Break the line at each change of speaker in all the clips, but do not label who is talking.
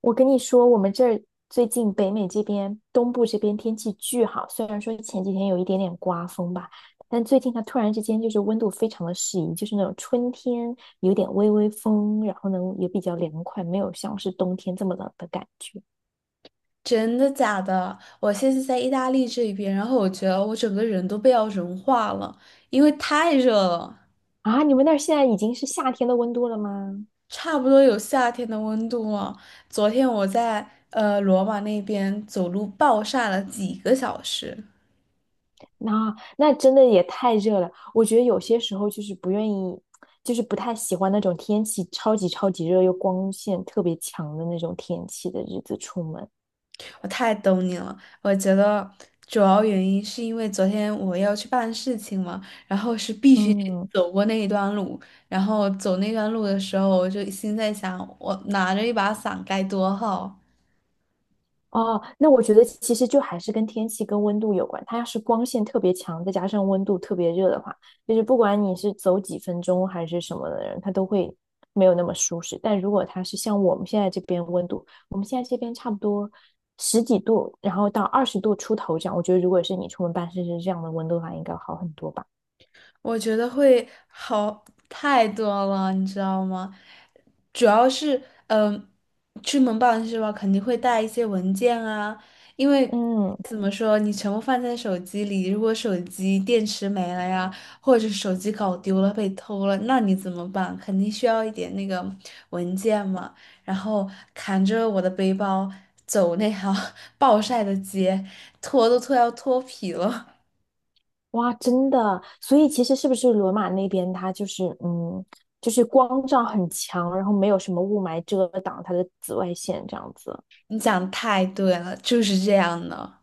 我跟你说，我们这儿最近北美这边、东部这边天气巨好，虽然说前几天有一点点刮风吧，但最近它突然之间就是温度非常的适宜，就是那种春天有点微微风，然后呢也比较凉快，没有像是冬天这么冷的感觉。
真的假的？我现在在意大利这边，然后我觉得我整个人都被要融化了，因为太热了，
啊！你们那儿现在已经是夏天的温度了吗？
差不多有夏天的温度了。昨天我在罗马那边走路暴晒了几个小时，
那真的也太热了，我觉得有些时候就是不愿意，就是不太喜欢那种天气超级超级热又光线特别强的那种天气的日子出门。
我太懂你了。我觉得主要原因是因为昨天我要去办事情嘛，然后是必须得
嗯。
走过那一段路，然后走那段路的时候，我就心在想，我拿着一把伞该多好。
哦，那我觉得其实就还是跟天气跟温度有关。它要是光线特别强，再加上温度特别热的话，就是不管你是走几分钟还是什么的人，他都会没有那么舒适。但如果它是像我们现在这边温度，我们现在这边差不多十几度，然后到20度出头这样，我觉得如果是你出门办事是这样的温度的话，应该好很多吧。
我觉得会好太多了，你知道吗？主要是，嗯、出门办事吧？肯定会带一些文件啊，因为
嗯。
怎么说，你全部放在手机里，如果手机电池没了呀，或者是手机搞丢了、被偷了，那你怎么办？肯定需要一点那个文件嘛。然后扛着我的背包走那条 暴晒的街，脱都脱要脱皮了。
哇，真的，所以其实是不是罗马那边它就是就是光照很强，然后没有什么雾霾遮挡它的紫外线这样子，
你讲得太对了，就是这样的。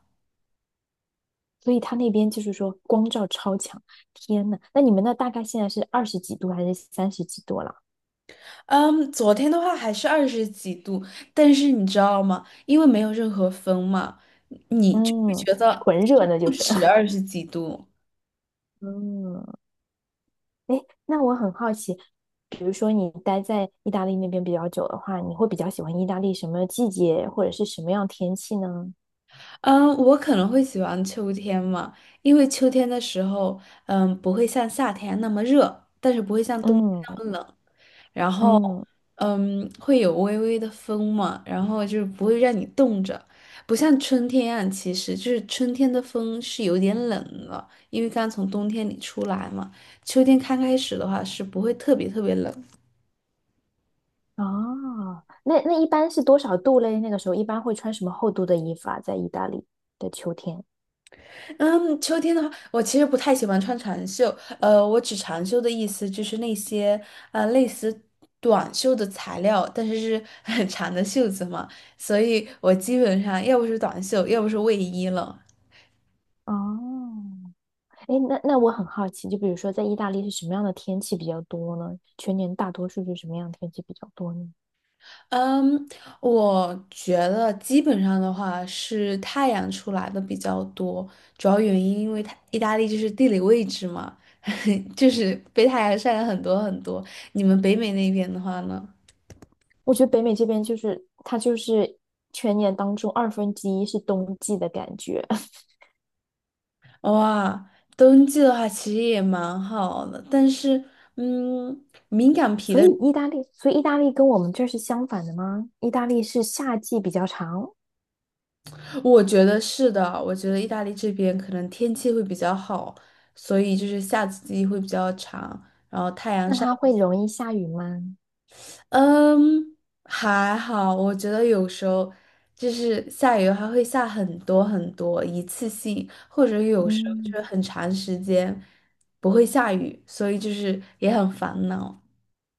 所以它那边就是说光照超强。天呐，那你们那大概现在是二十几度还是三十几度了？
嗯，昨天的话还是二十几度，但是你知道吗？因为没有任何风嘛，你就会
嗯，
觉得
纯热那
不
就是。
止 二十几度。
嗯。哎，那我很好奇，比如说你待在意大利那边比较久的话，你会比较喜欢意大利什么季节或者是什么样天气呢？
嗯，我可能会喜欢秋天嘛，因为秋天的时候，不会像夏天那么热，但是不会像冬天
嗯
那么冷。
嗯。
嗯，会有微微的风嘛，然后就是不会让你冻着，不像春天啊，其实就是春天的风是有点冷了，因为刚从冬天里出来嘛。秋天刚开始的话是不会特别特别冷。
哦，那那一般是多少度嘞？那个时候一般会穿什么厚度的衣服啊？在意大利的秋天。
嗯，秋天的话，我其实不太喜欢穿长袖，我指长袖的意思就是那些类似短袖的材料，但是是很长的袖子嘛，所以我基本上要不是短袖，要不是卫衣了。
哦。哎，那我很好奇，就比如说在意大利是什么样的天气比较多呢？全年大多数是什么样的天气比较多呢？
嗯，我觉得基本上的话是太阳出来的比较多，主要原因因为它意大利就是地理位置嘛，就是被太阳晒了很多很多。你们北美那边的话呢？
我觉得北美这边就是它就是全年当中1/2是冬季的感觉，
哇，冬季的话其实也蛮好的，但是嗯，
所以意大利跟我们这儿是相反的吗？意大利是夏季比较长，
我觉得是的，我觉得意大利这边可能天气会比较好，所以就是夏季会比较长，然后太阳。
那
晒。
它会容易下雨吗？
嗯，还好，我觉得有时候就是下雨，还会下很多很多，一次性，或者有时候就
嗯。
是很长时间不会下雨，所以就是也很烦恼。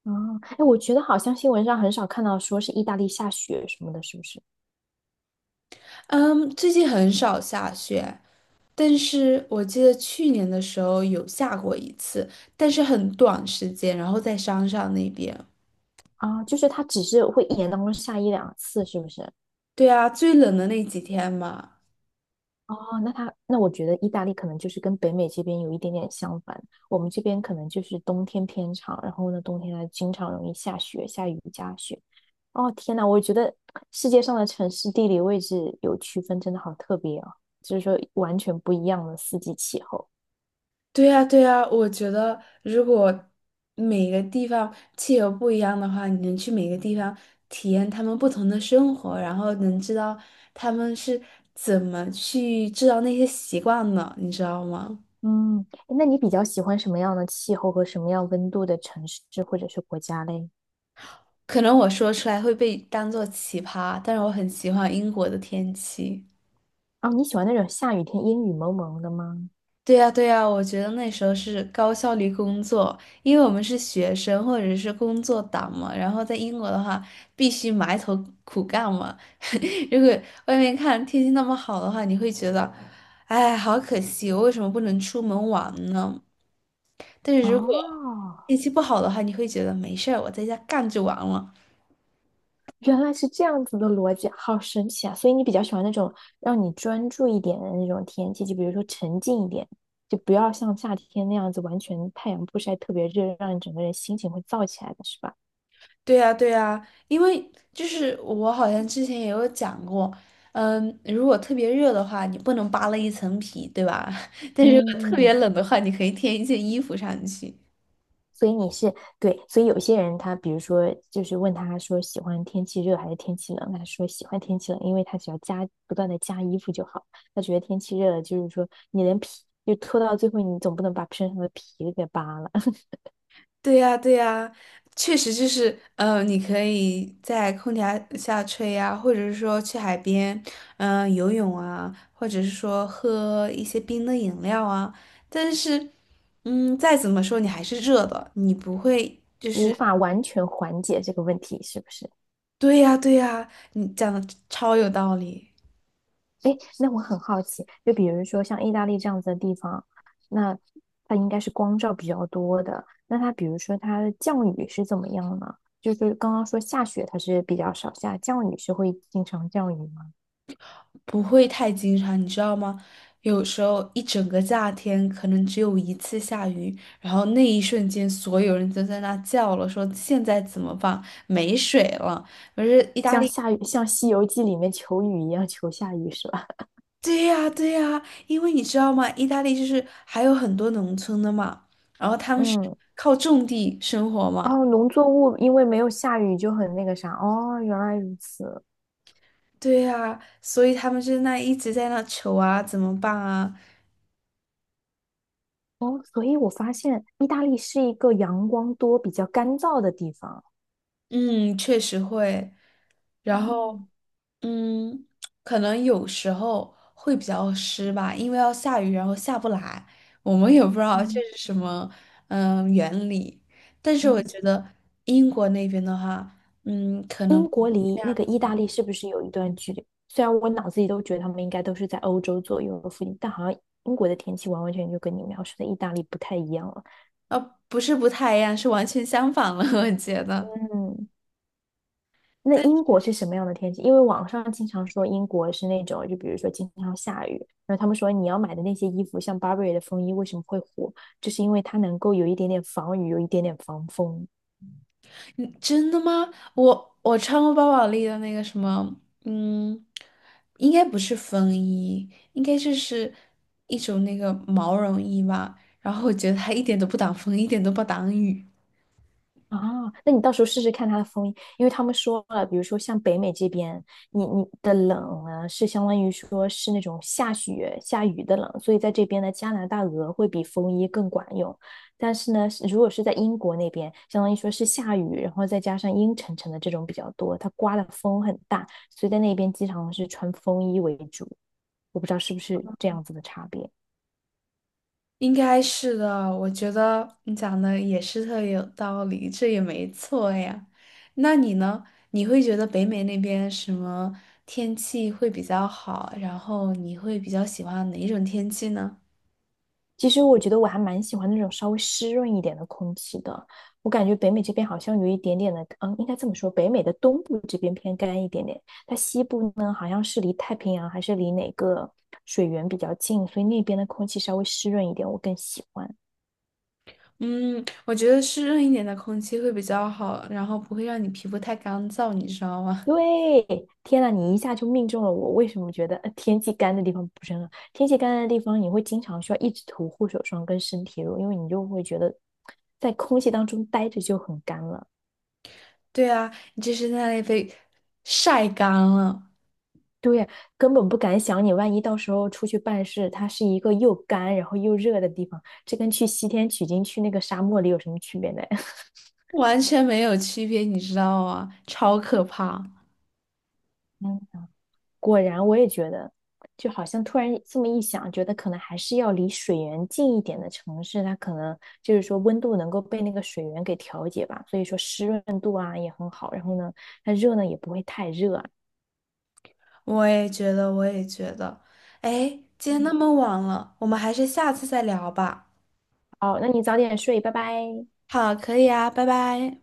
哦。哎，我觉得好像新闻上很少看到说是意大利下雪什么的，是不是？
嗯，最近很少下雪，但是我记得去年的时候有下过一次，但是很短时间，然后在山上那边。
啊，就是它只是会一年当中下一两次，是不是？
对啊，最冷的那几天嘛。
哦，那它那我觉得意大利可能就是跟北美这边有一点点相反，我们这边可能就是冬天偏长，然后呢，冬天它经常容易下雪，下雨加雪。哦，天呐，我觉得世界上的城市地理位置有区分，真的好特别哦，就是说完全不一样的四季气候。
对呀，对呀，我觉得如果每个地方气候不一样的话，你能去每个地方体验他们不同的生活，然后能知道他们是怎么去制造那些习惯的，你知道吗？
嗯，那你比较喜欢什么样的气候和什么样温度的城市或者是国家嘞？
可能我说出来会被当做奇葩，但是我很喜欢英国的天气。
哦，你喜欢那种下雨天阴雨蒙蒙的吗？
对呀，对呀，我觉得那时候是高效率工作，因为我们是学生或者是工作党嘛，然后在英国的话必须埋头苦干嘛。如果外面看天气那么好的话，你会觉得，哎，好可惜，我为什么不能出门玩呢？但是如果
哦，
天气不好的话，你会觉得没事儿，我在家干就完了。
原来是这样子的逻辑，好神奇啊！所以你比较喜欢那种让你专注一点的那种天气，就比如说沉静一点，就不要像夏天那样子完全太阳不晒特别热，让你整个人心情会燥起来的是吧？
对呀，对呀，因为就是我好像之前也有讲过，如果特别热的话，你不能扒了一层皮，对吧？但是如果特
嗯，
别冷的话，你可以添一件衣服上去。
所以你是对，所以有些人他，比如说，就是问他说喜欢天气热还是天气冷，他说喜欢天气冷，因为他只要加不断的加衣服就好。他觉得天气热了，就是说你连皮就脱到最后，你总不能把身上的皮给扒了，
对呀，对呀，确实就是，你可以在空调下吹呀，或者是说去海边，游泳啊，或者是说喝一些冰的饮料啊。但是，再怎么说你还是热的，你不会。
无法完全缓解这个问题，是不是？
对呀，对呀，你讲的超有道理。
哎，那我很好奇，就比如说像意大利这样子的地方，那它应该是光照比较多的。那它比如说它的降雨是怎么样呢？就是刚刚说下雪它是比较少下，降雨是会经常降雨吗？
不会太经常，你知道吗？有时候一整个夏天可能只有一次下雨，然后那一瞬间所有人都在那叫了，说现在怎么办？没水了。可是意大
像
利，
下雨，像《西游记》里面求雨一样求下雨是吧？
对呀对呀，因为你知道吗？意大利就是还有很多农村的嘛，然后他 们是
嗯。
靠种地生活嘛，
哦，农作物因为没有下雨就很那个啥。哦，原来如此。
对呀，所以他们就那一直在那求啊，怎么办啊？
哦，所以我发现意大利是一个阳光多、比较干燥的地方。
嗯，确实会。然
嗯
后，嗯，可能有时候会比较湿吧，因为要下雨，然后下不来，我们也不知道这
嗯
是什么，原理。但是我
嗯。
觉得英国那边的话，可能，
英国离那个意大利是不是有一段距离？虽然我脑子里都觉得他们应该都是在欧洲左右的附近，但好像英国的天气完完全全就跟你描述的意大利不太一样了。
呃，不是不太一样，是完全相反了，我觉得。
嗯，那英国是什么样的天气？因为网上经常说英国是那种，就比如说经常下雨，然后他们说你要买的那些衣服，像 Burberry 的风衣为什么会火，就是因为它能够有一点点防雨，有一点点防风。
嗯，真的吗？我穿过包宝莉的那个什么，嗯，应该不是风衣，应该就是一种那个毛绒衣吧。然后我觉得它一点都不挡风，一点都不挡雨。
啊，那你到时候试试看它的风衣，因为他们说了，比如说像北美这边，你的冷呢是相当于说是那种下雪下雨的冷，所以在这边呢，加拿大鹅会比风衣更管用。但是呢，是如果是在英国那边，相当于说是下雨，然后再加上阴沉沉的这种比较多，它刮的风很大，所以在那边经常是穿风衣为主。我不知道是不是这样子的差别。
应该是的，我觉得你讲的也是特别有道理，这也没错呀。那你呢？你会觉得北美那边什么天气会比较好？然后你会比较喜欢哪一种天气呢？
其实我觉得我还蛮喜欢那种稍微湿润一点的空气的。我感觉北美这边好像有一点点的，嗯，应该这么说，北美的东部这边偏干一点点，它西部呢好像是离太平洋还是离哪个水源比较近，所以那边的空气稍微湿润一点，我更喜欢。
嗯，我觉得湿润一点的空气会比较好，然后不会让你皮肤太干燥，你知道吗？
对，天呐，你一下就命中了我。为什么觉得天气干的地方不是很好？天气干的地方，你会经常需要一直涂护手霜跟身体乳，因为你就会觉得在空气当中待着就很干了。
对啊，你这是在那里被晒干了，
对，根本不敢想你，万一到时候出去办事，它是一个又干然后又热的地方，这跟去西天取经去那个沙漠里有什么区别呢？
完全没有区别，你知道吗？超可怕！
嗯，果然我也觉得，就好像突然这么一想，觉得可能还是要离水源近一点的城市，它可能就是说温度能够被那个水源给调节吧，所以说湿润度啊也很好，然后呢，它热呢也不会太热啊。
我也觉得，我也觉得。哎，今天那
嗯，
么晚了，我们还是下次再聊吧。
好，那你早点睡，拜拜。
好，可以啊，拜拜。